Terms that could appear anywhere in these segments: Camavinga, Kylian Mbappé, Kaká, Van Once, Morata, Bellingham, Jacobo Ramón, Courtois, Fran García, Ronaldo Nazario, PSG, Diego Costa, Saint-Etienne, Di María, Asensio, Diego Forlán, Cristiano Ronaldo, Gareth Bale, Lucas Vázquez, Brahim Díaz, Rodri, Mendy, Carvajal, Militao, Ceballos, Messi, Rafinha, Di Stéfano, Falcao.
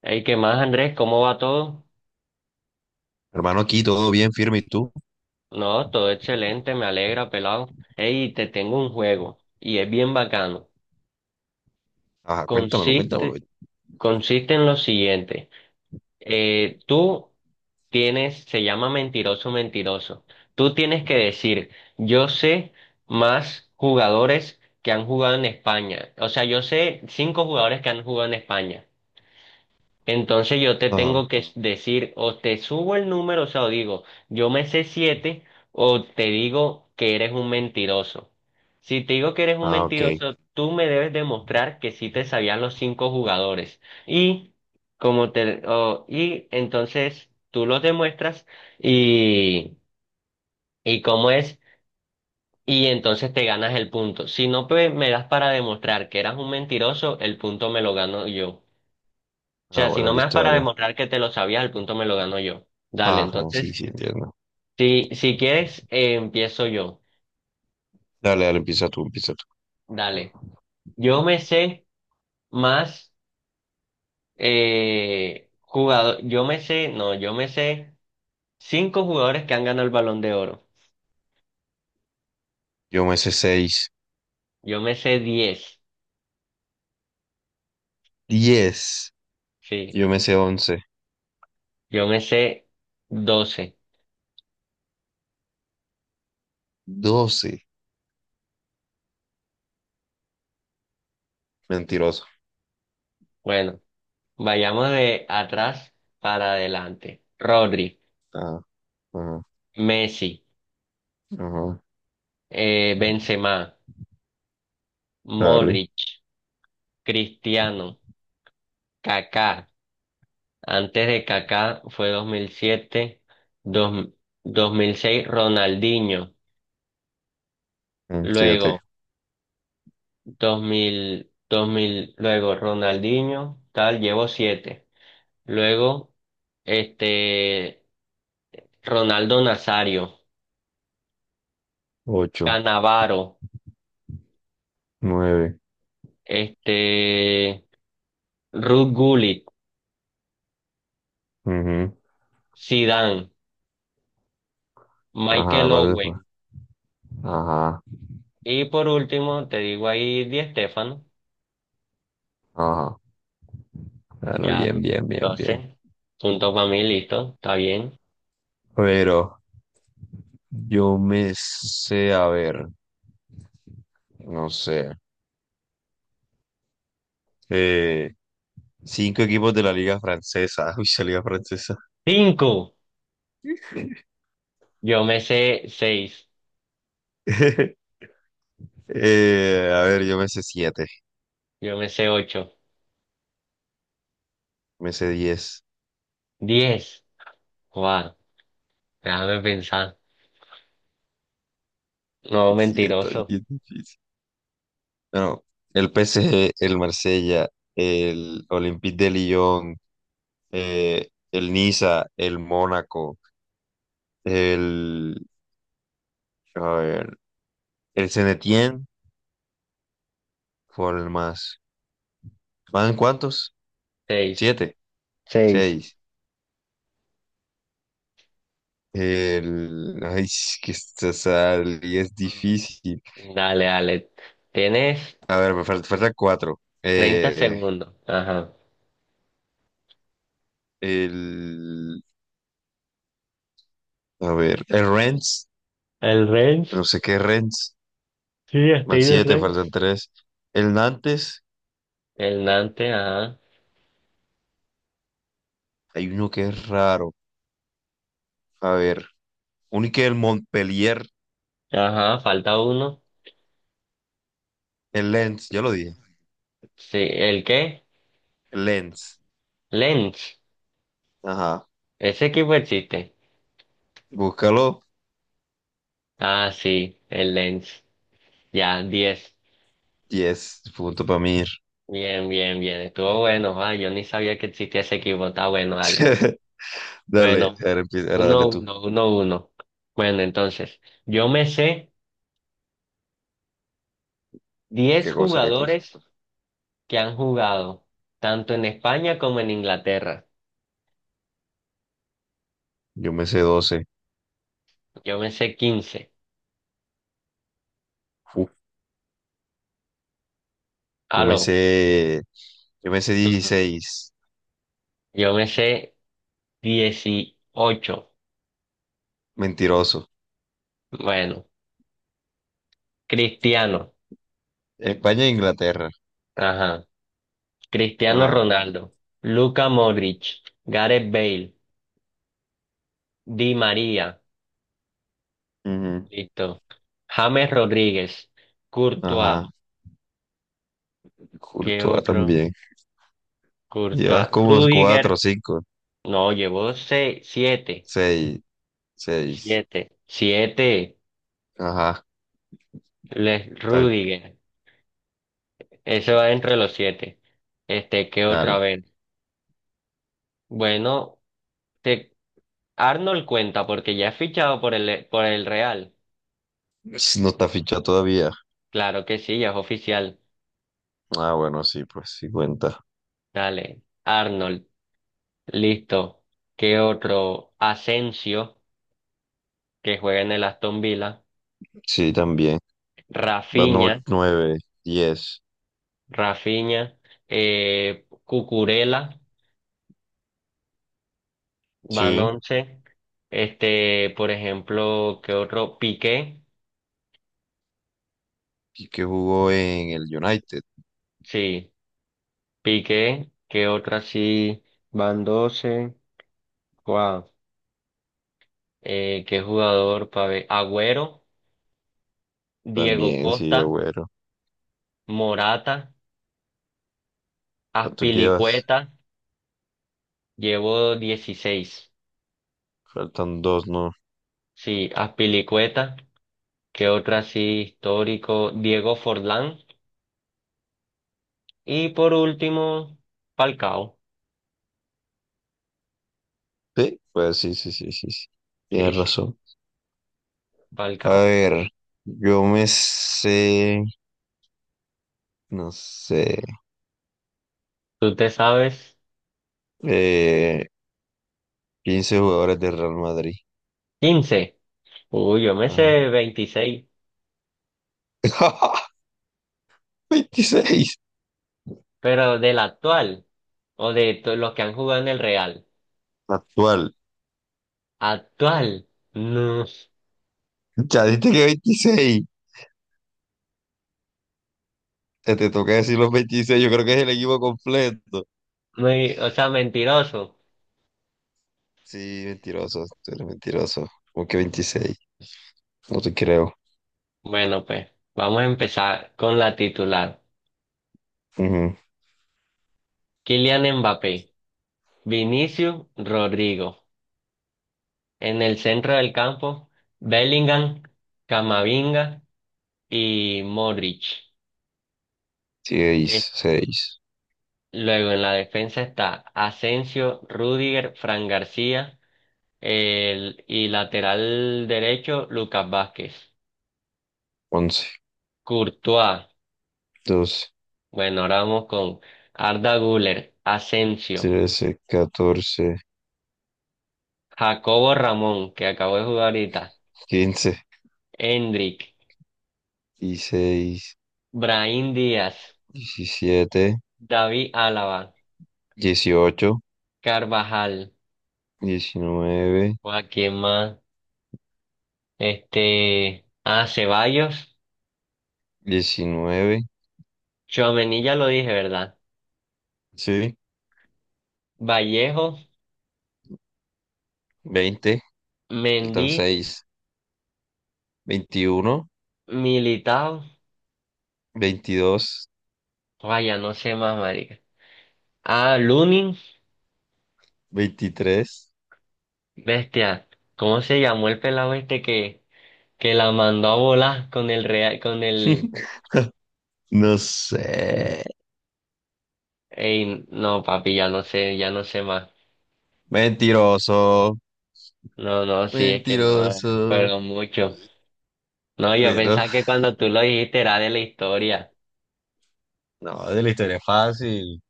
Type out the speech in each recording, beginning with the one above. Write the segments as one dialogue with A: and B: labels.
A: Hey, ¿qué más, Andrés? ¿Cómo va todo?
B: Hermano, aquí todo bien, firme, ¿y tú?
A: No, todo excelente, me alegra, pelado. Hey, te tengo un juego y es bien bacano.
B: Ajá, cuéntamelo, cuéntamelo.
A: Consiste, consiste en lo siguiente. Tú tienes, se llama mentiroso, mentiroso. Tú tienes que decir, yo sé más jugadores que han jugado en España. O sea, yo sé cinco jugadores que han jugado en España. Entonces yo te
B: Ajá.
A: tengo que decir, o te subo el número, o sea, o digo, yo me sé siete, o te digo que eres un mentiroso. Si te digo que eres un
B: Ah, ok.
A: mentiroso, tú me debes demostrar que sí te sabían los cinco jugadores. Y y entonces tú los demuestras y, y cómo es, y entonces te ganas el punto. Si no, pues me das para demostrar que eras un mentiroso, el punto me lo gano yo. O
B: Ah,
A: sea, si
B: bueno,
A: no me das
B: listo,
A: para No.
B: dale.
A: demostrar que te lo sabías, el punto me lo gano yo. Dale,
B: Ajá, sí,
A: entonces,
B: sí, entiendo.
A: si quieres, empiezo yo.
B: Dale, dale, empieza tú, empieza tú.
A: Dale. Yo me sé más jugador, yo me sé, no, yo me sé cinco jugadores que han ganado el Balón de Oro.
B: Yo me sé seis,
A: Yo me sé 10,
B: diez,
A: sí.
B: yo me sé once,
A: Yo me sé 12.
B: doce. Mentiroso.
A: Bueno, vayamos de atrás para adelante. Rodri,
B: Ajá, ajá,
A: Messi,
B: ajá.
A: Benzema,
B: Dale.
A: Modric, Cristiano. Kaká. Antes de Kaká fue 2007 dos- 2006 Ronaldinho,
B: 7,
A: luego dos mil luego Ronaldinho, tal, llevo siete. Luego este Ronaldo Nazario,
B: 8,
A: Cannavaro,
B: 9.
A: este Ruud Gullit, Zidane,
B: Ajá,
A: Michael
B: ¿cuál es?
A: Owen
B: Ajá,
A: y por último te digo ahí Di Stéfano.
B: ajá. Ah, no,
A: Ya,
B: bien, bien, bien, bien.
A: 12. Punto para mí, listo. Está bien.
B: Pero yo me sé, a ver, no sé, eh, cinco equipos de la Liga Francesa. Uy, la Liga Francesa.
A: Cinco. Yo me sé seis.
B: A ver, yo me sé siete,
A: Yo me sé ocho.
B: me sé diez.
A: 10. Wow. Déjame pensar. No,
B: Sí, está
A: mentiroso.
B: bien difícil. Bueno, el PSG, el Marsella, el Olympique de Lyon, el Niza, el Mónaco, el, a ver, el Saint-Etienne, por el más. ¿Van cuántos?
A: Seis.
B: Siete.
A: Seis.
B: Seis. Ay, es que y es difícil.
A: Dale, dale. Tienes
B: A ver, falta cuatro.
A: 30 segundos. Ajá.
B: El... A ver, el Rennes.
A: El range.
B: No sé qué es Rennes.
A: Sí,
B: Van
A: estoy de
B: siete,
A: range.
B: faltan tres. El Nantes.
A: El Nante, ajá.
B: Hay uno que es raro. A ver, uno que el Montpellier.
A: Ajá, falta uno.
B: El Lens, ya lo dije.
A: Sí, ¿el qué?
B: El Lens.
A: Lens.
B: Ajá.
A: Ese equipo existe.
B: Búscalo.
A: Ah, sí, el Lens. Ya, 10.
B: Diez. Punto para mí.
A: Bien, bien, bien. Estuvo bueno. Ah, yo ni sabía que existía ese equipo. Está bueno, dale.
B: Dale,
A: Bueno,
B: ahora empieza, ahora
A: uno,
B: dale tú.
A: uno, uno, uno. Bueno, entonces, yo me sé 10
B: Qué cosa, qué cosa.
A: jugadores que han jugado, tanto en España como en Inglaterra.
B: Yo me sé doce.
A: Yo me sé 15.
B: Yo me
A: Aló.
B: sé, yo me sé
A: Ujú.
B: dieciséis,
A: Yo me sé 18.
B: mentiroso.
A: Bueno, Cristiano.
B: España e Inglaterra.
A: Ajá. Cristiano
B: Ajá.
A: Ronaldo. Luka Modric. Gareth Bale. Di María.
B: Ujú.
A: Listo. James Rodríguez, Courtois,
B: Ajá.
A: ¿qué
B: Courtois
A: otro?
B: también. Llevas
A: Courtois,
B: como cuatro,
A: Rudiger,
B: cinco,
A: no, llevó seis, siete,
B: seis, seis.
A: siete, siete,
B: Ajá.
A: Les
B: Tal,
A: Rudiger, ese va entre los siete. Este, ¿qué otra
B: dale.
A: vez? Bueno, te, Arnold cuenta porque ya es fichado por el, Real.
B: No está fichado todavía.
A: Claro que sí, ya es oficial.
B: Ah, bueno, sí, pues sí cuenta.
A: Dale, Arnold, listo. ¿Qué otro? Asensio, que juega en el Aston Villa.
B: Sí, también. Va no,
A: Rafinha.
B: nueve, diez.
A: Rafinha, Cucurella, Van
B: Sí.
A: 11, este, por ejemplo, ¿qué otro? Piqué,
B: Y que jugó en el United.
A: sí, Piqué, ¿qué otro así? Van 12, wow, ¿qué jugador para ver? Agüero, Diego
B: También, sí,
A: Costa,
B: bueno.
A: Morata,
B: ¿Cuántos llevas?
A: Aspilicueta, llevo 16,
B: Faltan dos, ¿no?
A: sí, Aspilicueta, ¿qué otro así histórico? Diego Forlán, y por último, Falcao.
B: Sí, pues sí, sí, sí, sí, sí.
A: Sí,
B: Tienes
A: sí,
B: razón.
A: pa'l
B: A
A: cabo.
B: ver, yo me sé, no sé,
A: ¿Tú te sabes
B: eh, 15 jugadores de Real Madrid.
A: 15? Uy, yo me sé
B: Ajá.
A: 26,
B: Veintiséis.
A: pero del actual o de los que han jugado en el Real.
B: Actual.
A: Actual, no,
B: Ya diste que veintiséis. Te toca decir los veintiséis. Yo creo que es el equipo completo.
A: muy, o sea, mentiroso.
B: Sí, mentiroso. Tú eres mentiroso. ¿Cómo que 26? No te creo.
A: Bueno, pues vamos a empezar con la titular.
B: Ujú.
A: Kylian Mbappé, Vinicius Rodrigo. En el centro del campo, Bellingham, Camavinga y Modric.
B: Seis, 6,
A: Luego en la defensa está Asensio, Rudiger, Fran García el, y lateral derecho Lucas Vázquez.
B: 11,
A: Courtois,
B: 12,
A: bueno, ahora vamos con Arda Güler, Asensio,
B: 13, 14,
A: Jacobo Ramón, que acabó de jugar ahorita,
B: 15.
A: Endrick,
B: Dieciséis,
A: Brahim Díaz,
B: diecisiete,
A: David Álava,
B: dieciocho,
A: Carvajal,
B: diecinueve,
A: a quién más, este, a Ceballos,
B: diecinueve,
A: Tchouaméni ya lo dije, ¿verdad?
B: sí,
A: Vallejo,
B: veinte,
A: Mendy,
B: faltan seis, veintiuno,
A: Militao.
B: veintidós,
A: Vaya, no sé más, marica. Ah, Lunin,
B: veintitrés.
A: bestia. ¿Cómo se llamó el pelado este que, la mandó a volar con el real, con el...
B: No sé.
A: Ey, no, papi, ya no sé más.
B: Mentiroso,
A: No, no, sí, es que no,
B: mentiroso.
A: fueron mucho. No, yo
B: Pero
A: pensaba que cuando tú lo dijiste era de la historia.
B: no, de la historia es fácil.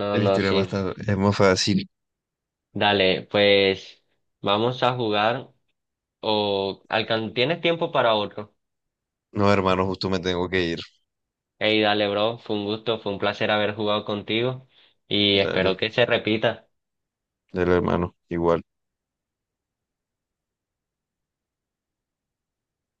A: No,
B: De la
A: no,
B: historia es
A: sí.
B: bastante, es muy fácil.
A: Dale, pues vamos a jugar o... alcan- ¿Tienes tiempo para otro?
B: No, hermano, justo me tengo que ir.
A: Ey, dale, bro, fue un gusto, fue un placer haber jugado contigo y espero
B: Dale,
A: que se repita.
B: dale, hermano, igual.